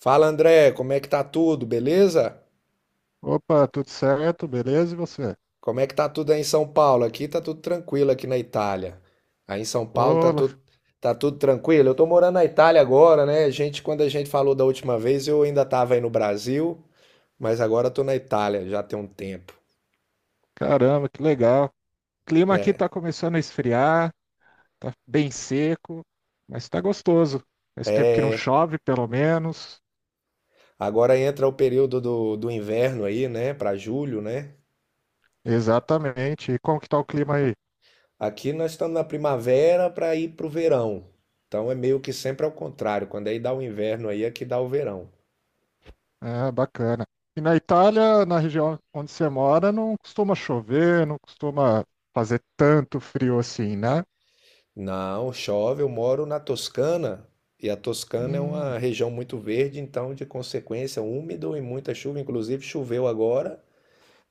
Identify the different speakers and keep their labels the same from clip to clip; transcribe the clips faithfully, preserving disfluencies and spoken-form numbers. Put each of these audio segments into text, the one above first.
Speaker 1: Fala André, como é que tá tudo? Beleza?
Speaker 2: Opa, tudo certo? Beleza? E você?
Speaker 1: Como é que tá tudo aí em São Paulo? Aqui tá tudo tranquilo aqui na Itália. Aí em São Paulo tá
Speaker 2: Olá,
Speaker 1: tudo tá tudo tranquilo. Eu tô morando na Itália agora, né? A gente, quando a gente falou da última vez, eu ainda tava aí no Brasil, mas agora eu tô na Itália, já tem um tempo.
Speaker 2: caramba, que legal. O clima aqui
Speaker 1: É.
Speaker 2: tá começando a esfriar, tá bem seco, mas tá gostoso. Faz tempo que não
Speaker 1: É,
Speaker 2: chove, pelo menos.
Speaker 1: agora entra o período do, do inverno aí, né? Pra julho, né?
Speaker 2: Exatamente. E como que tá o clima aí?
Speaker 1: Aqui nós estamos na primavera para ir pro verão. Então é meio que sempre ao contrário. Quando aí dá o inverno aí, aqui dá o verão.
Speaker 2: Ah, bacana. E na Itália, na região onde você mora, não costuma chover, não costuma fazer tanto frio assim, né?
Speaker 1: Não, chove. Eu moro na Toscana e a Toscana é
Speaker 2: Hum,
Speaker 1: uma região muito verde, então de consequência úmido e muita chuva. Inclusive choveu agora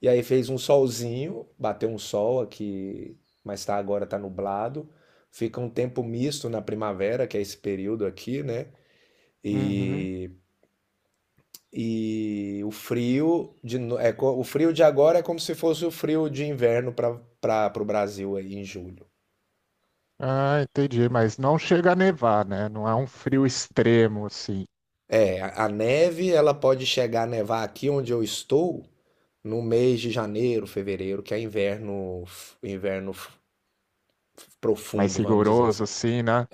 Speaker 1: e aí fez um solzinho, bateu um sol aqui, mas tá agora tá nublado. Fica um tempo misto na primavera, que é esse período aqui, né?
Speaker 2: uhum.
Speaker 1: E, e o frio de, no- é, co- o frio de agora é como se fosse o frio de inverno para para o Brasil aí em julho.
Speaker 2: Ah, entendi. Mas não chega a nevar, né? Não é um frio extremo assim.
Speaker 1: É, a neve, ela pode chegar a nevar aqui onde eu estou no mês de janeiro, fevereiro, que é inverno, inverno
Speaker 2: Mais
Speaker 1: profundo, vamos dizer
Speaker 2: rigoroso,
Speaker 1: assim.
Speaker 2: assim, né?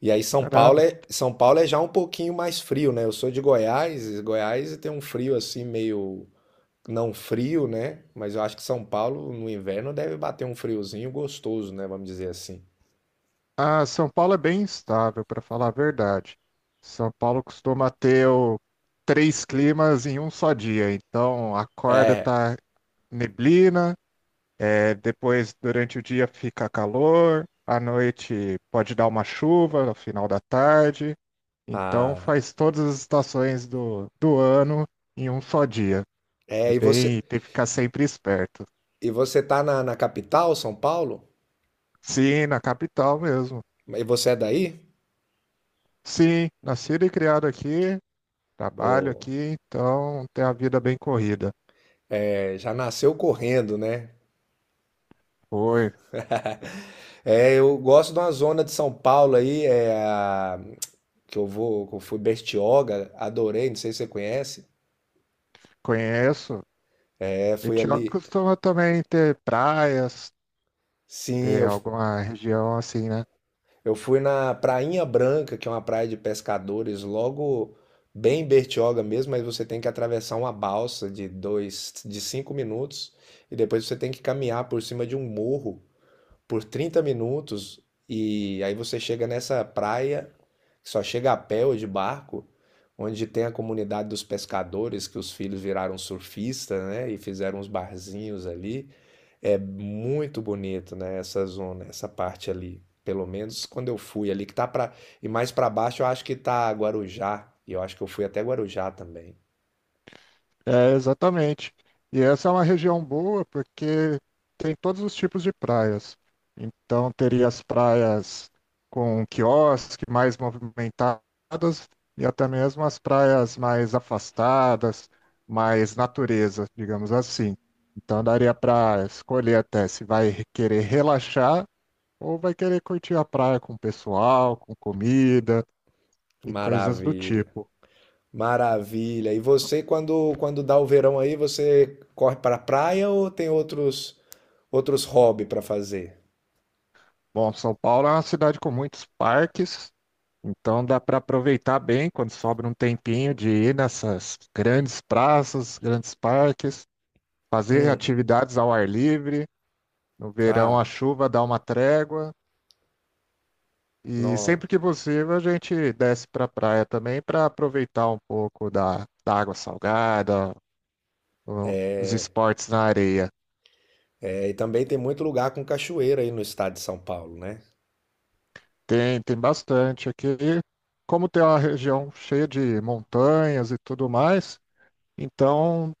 Speaker 1: E aí São Paulo
Speaker 2: Caramba.
Speaker 1: é, São Paulo é já um pouquinho mais frio, né? Eu sou de Goiás, e Goiás tem um frio assim meio não frio, né? Mas eu acho que São Paulo no inverno deve bater um friozinho gostoso, né? Vamos dizer assim.
Speaker 2: Ah, São Paulo é bem instável, para falar a verdade. São Paulo costuma ter o- três climas em um só dia. Então, acorda,
Speaker 1: É.
Speaker 2: tá neblina, é, depois, durante o dia, fica calor, à noite pode dar uma chuva, no final da tarde. Então,
Speaker 1: Ah,
Speaker 2: faz todas as estações do, do ano em um só dia. É
Speaker 1: é, e você
Speaker 2: bem, tem que ficar sempre esperto.
Speaker 1: e você tá na, na capital, São Paulo?
Speaker 2: Sim, na capital mesmo.
Speaker 1: E você é daí?
Speaker 2: Sim, nascido e criado aqui, trabalho
Speaker 1: Ou...
Speaker 2: aqui, então tem a vida bem corrida.
Speaker 1: É, já nasceu correndo, né?
Speaker 2: Foi,
Speaker 1: É, eu gosto de uma zona de São Paulo aí, é, a- que eu vou, que eu fui Bertioga, adorei, não sei se você conhece.
Speaker 2: conheço.
Speaker 1: É, fui
Speaker 2: Etiópolis
Speaker 1: ali,
Speaker 2: costuma também ter praias,
Speaker 1: sim,
Speaker 2: ter
Speaker 1: eu,
Speaker 2: alguma região assim, né?
Speaker 1: eu fui na Prainha Branca, que é uma praia de pescadores, logo bem em Bertioga mesmo, mas você tem que atravessar uma balsa de dois, de cinco minutos e depois você tem que caminhar por cima de um morro por trinta minutos e aí você chega nessa praia, que só chega a pé ou de barco, onde tem a comunidade dos pescadores, que os filhos viraram surfistas, né, e fizeram uns barzinhos ali. É muito bonito, né, essa zona, essa parte ali. Pelo menos quando eu fui ali, que tá para. E mais para baixo eu acho que tá Guarujá. E eu acho que eu fui até Guarujá também.
Speaker 2: É, exatamente. E essa é uma região boa porque tem todos os tipos de praias. Então, teria as praias com quiosque mais movimentadas e até mesmo as praias mais afastadas, mais natureza, digamos assim. Então, daria para escolher até se vai querer relaxar ou vai querer curtir a praia com o pessoal, com comida e coisas do
Speaker 1: Maravilha.
Speaker 2: tipo.
Speaker 1: Maravilha. E você, quando, quando dá o verão aí, você corre para a praia ou tem outros outros hobbies para fazer?
Speaker 2: Bom, São Paulo é uma cidade com muitos parques. Então dá para aproveitar bem quando sobra um tempinho de ir nessas grandes praças, grandes parques, fazer
Speaker 1: Hum.
Speaker 2: atividades ao ar livre. No verão a
Speaker 1: Ah,
Speaker 2: chuva dá uma trégua e
Speaker 1: não.
Speaker 2: sempre que possível a gente desce para a praia também para aproveitar um pouco da, da água salgada, o- os esportes na areia.
Speaker 1: É, e também tem muito lugar com cachoeira aí no estado de São Paulo, né?
Speaker 2: Tem, tem bastante aqui. Como tem uma região cheia de montanhas e tudo mais, então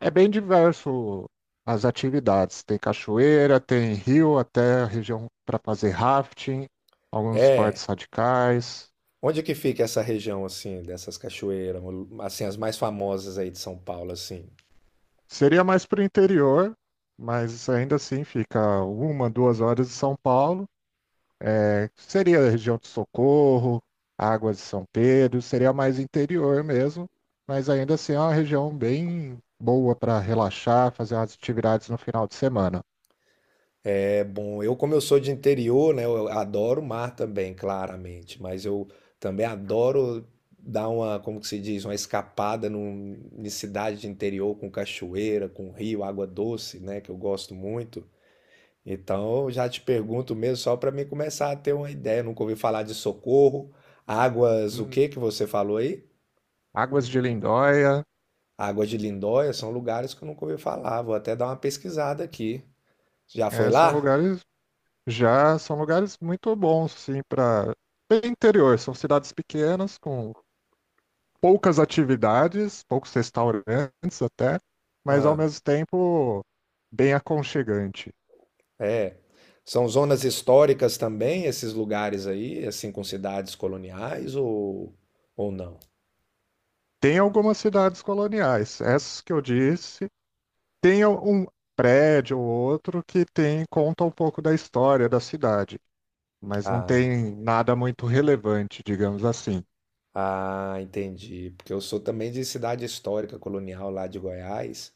Speaker 2: é bem diverso as atividades. Tem cachoeira, tem rio, até a região para fazer rafting, alguns
Speaker 1: É.
Speaker 2: partes radicais.
Speaker 1: Onde é que fica essa região assim, dessas cachoeiras, assim as mais famosas aí de São Paulo assim?
Speaker 2: Seria mais para o interior, mas ainda assim fica uma, duas horas de São Paulo. É, seria a região de Socorro, Águas de São Pedro, seria mais interior mesmo, mas ainda assim é uma região bem boa para relaxar, fazer umas atividades no final de semana.
Speaker 1: É bom, eu como eu sou de interior, né, eu adoro o mar também, claramente, mas eu também adoro dar uma, como que se diz, uma escapada num, em cidade de interior com cachoeira, com rio, água doce, né, que eu gosto muito. Então, eu já te pergunto mesmo só para mim começar a ter uma ideia, nunca ouvi falar de Socorro, águas, o
Speaker 2: Hum,
Speaker 1: que que você falou aí?
Speaker 2: Águas de Lindóia.
Speaker 1: Águas de Lindóia são lugares que eu nunca ouvi falar, vou até dar uma pesquisada aqui. Já foi
Speaker 2: É, são
Speaker 1: lá?
Speaker 2: lugares. Já são lugares muito bons, sim, para interior. São cidades pequenas, com poucas atividades, poucos restaurantes até, mas ao
Speaker 1: Ah.
Speaker 2: mesmo tempo bem aconchegante.
Speaker 1: É, são zonas históricas também esses lugares aí, assim, com cidades coloniais ou, ou não?
Speaker 2: Tem algumas cidades coloniais, essas que eu disse. Tem um prédio ou outro que tem conta um pouco da história da cidade, mas não
Speaker 1: Ah,
Speaker 2: tem nada muito relevante, digamos assim.
Speaker 1: ah, entendi. Porque eu sou também de cidade histórica colonial lá de Goiás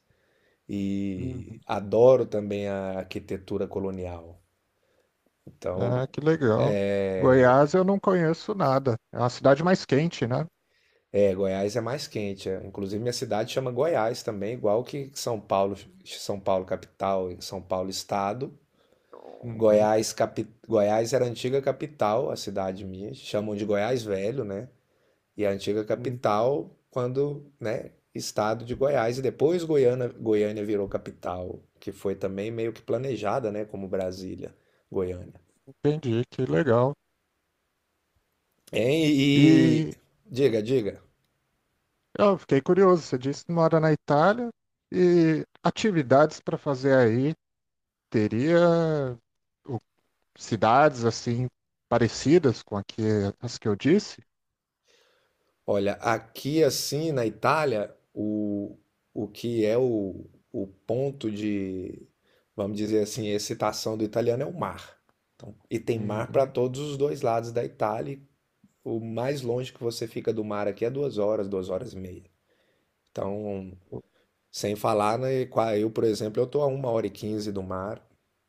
Speaker 2: Hum,
Speaker 1: e adoro também a arquitetura colonial. Então,
Speaker 2: Ah, que legal.
Speaker 1: é,
Speaker 2: Goiás eu não conheço nada. É uma cidade mais quente, né?
Speaker 1: é, Goiás é mais quente. É. Inclusive, minha cidade chama Goiás também, igual que São Paulo, São Paulo capital e São Paulo estado.
Speaker 2: Uhum,
Speaker 1: Goiás, capi... Goiás era a antiga capital, a cidade minha, chamam de Goiás Velho, né? E a antiga
Speaker 2: uhum,
Speaker 1: capital, quando, né, estado de Goiás, e depois Goiânia, Goiânia virou capital, que foi também meio que planejada, né, como Brasília, Goiânia.
Speaker 2: entendi, que legal.
Speaker 1: Hein? E
Speaker 2: E
Speaker 1: diga, diga.
Speaker 2: eu fiquei curioso, você disse que mora na Itália e atividades para fazer aí teria o- cidades assim parecidas com a que, as que eu disse?
Speaker 1: Olha, aqui assim na Itália, o, o que é o, o ponto de, vamos dizer assim, excitação do italiano é o mar. Então, e tem mar para
Speaker 2: Uhum,
Speaker 1: todos os dois lados da Itália. E o mais longe que você fica do mar aqui é duas horas, duas horas e meia. Então, sem falar, né, qua- eu, por exemplo, eu tô a uma hora e quinze do mar,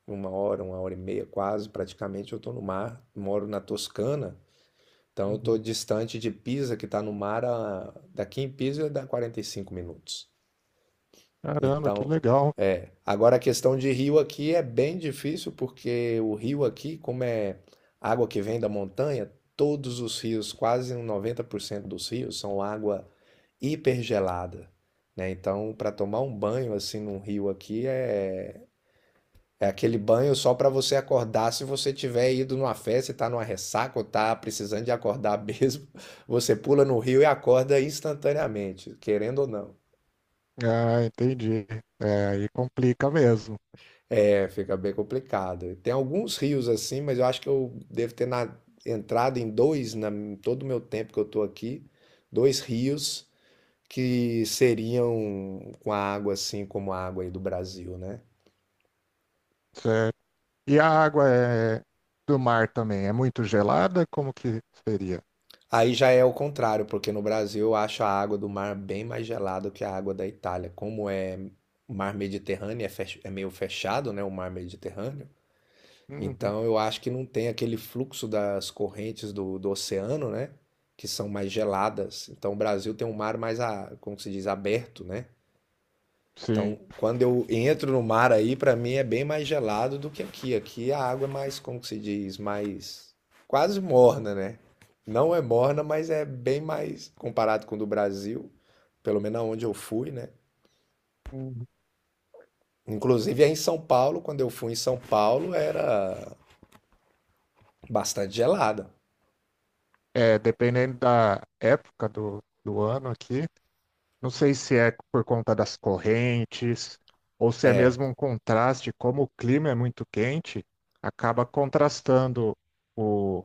Speaker 1: uma hora, uma hora e meia quase, praticamente eu tô no mar, moro na Toscana. Então eu estou
Speaker 2: uhum.
Speaker 1: distante de Pisa, que está no mar, a... daqui em Pisa dá quarenta e cinco minutos.
Speaker 2: Caramba, que
Speaker 1: Então,
Speaker 2: legal.
Speaker 1: é. Agora a questão de rio aqui é bem difícil, porque o rio aqui, como é água que vem da montanha, todos os rios, quase noventa por cento dos rios, são água hipergelada, né? Então, para tomar um banho assim num rio aqui é é aquele banho só para você acordar se você tiver ido numa festa e tá numa ressaca ou tá precisando de acordar mesmo. Você pula no rio e acorda instantaneamente, querendo ou não.
Speaker 2: Ah, entendi. É, aí complica mesmo.
Speaker 1: É, fica bem complicado. Tem alguns rios assim, mas eu acho que eu devo ter na- entrado em dois, na, em todo o meu tempo que eu tô aqui, dois rios que seriam com a água assim como a água aí do Brasil, né?
Speaker 2: Certo. E a água é do mar também é muito gelada? Como que seria?
Speaker 1: Aí já é o contrário, porque no Brasil eu acho a água do mar bem mais gelada que a água da Itália. Como é mar Mediterrâneo, é, fech- é meio fechado, né, o mar Mediterrâneo.
Speaker 2: Uhum,
Speaker 1: Então eu acho que não tem aquele fluxo das correntes do, do oceano, né, que são mais geladas. Então o Brasil tem um mar mais, a, como que se diz, aberto, né?
Speaker 2: sim.
Speaker 1: Então, quando eu entro no mar aí, para mim é bem mais gelado do que aqui. Aqui a água é mais, como que se diz, mais quase morna, né? Não é morna, mas é bem mais comparado com o do Brasil, pelo menos onde eu fui, né?
Speaker 2: Uhum.
Speaker 1: Inclusive aí em São Paulo, quando eu fui em São Paulo, era bastante gelada.
Speaker 2: É, dependendo da época do, do ano aqui, não sei se é por conta das correntes ou se é mesmo
Speaker 1: É,
Speaker 2: um contraste, como o clima é muito quente, acaba contrastando o,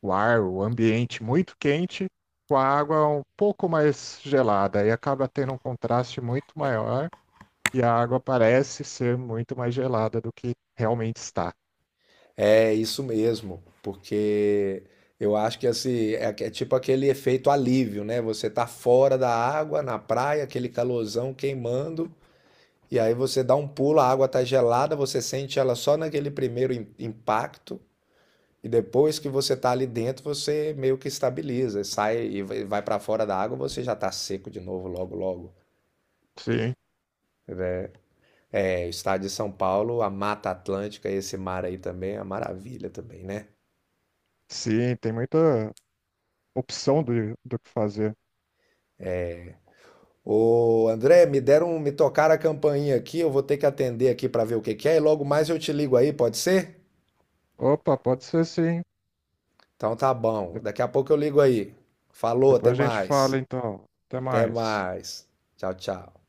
Speaker 2: o ar, o ambiente muito quente com a água um pouco mais gelada e acaba tendo um contraste muito maior e a água parece ser muito mais gelada do que realmente está.
Speaker 1: é isso mesmo, porque eu acho que assim, é, é tipo aquele efeito alívio, né? Você tá fora da água, na praia, aquele calorzão queimando. E aí você dá um pulo, a água tá gelada, você sente ela só naquele primeiro im- impacto, e depois que você tá ali dentro, você meio que estabiliza, sai e vai vai pra fora da água, você já tá seco de novo logo logo.
Speaker 2: Sim,
Speaker 1: É, o estado de São Paulo, a Mata Atlântica, esse mar aí também é uma maravilha também, né?
Speaker 2: sim, tem muita opção do, do que fazer.
Speaker 1: Ô, André, me deram, me tocaram a campainha aqui, eu vou ter que atender aqui para ver o que que é, e logo mais eu te ligo aí, pode ser?
Speaker 2: Opa, pode ser sim.
Speaker 1: Então tá bom.
Speaker 2: De-
Speaker 1: Daqui a pouco eu ligo aí. Falou,
Speaker 2: depois
Speaker 1: até
Speaker 2: a gente fala
Speaker 1: mais.
Speaker 2: então. Até
Speaker 1: Até
Speaker 2: mais.
Speaker 1: mais. Tchau, tchau.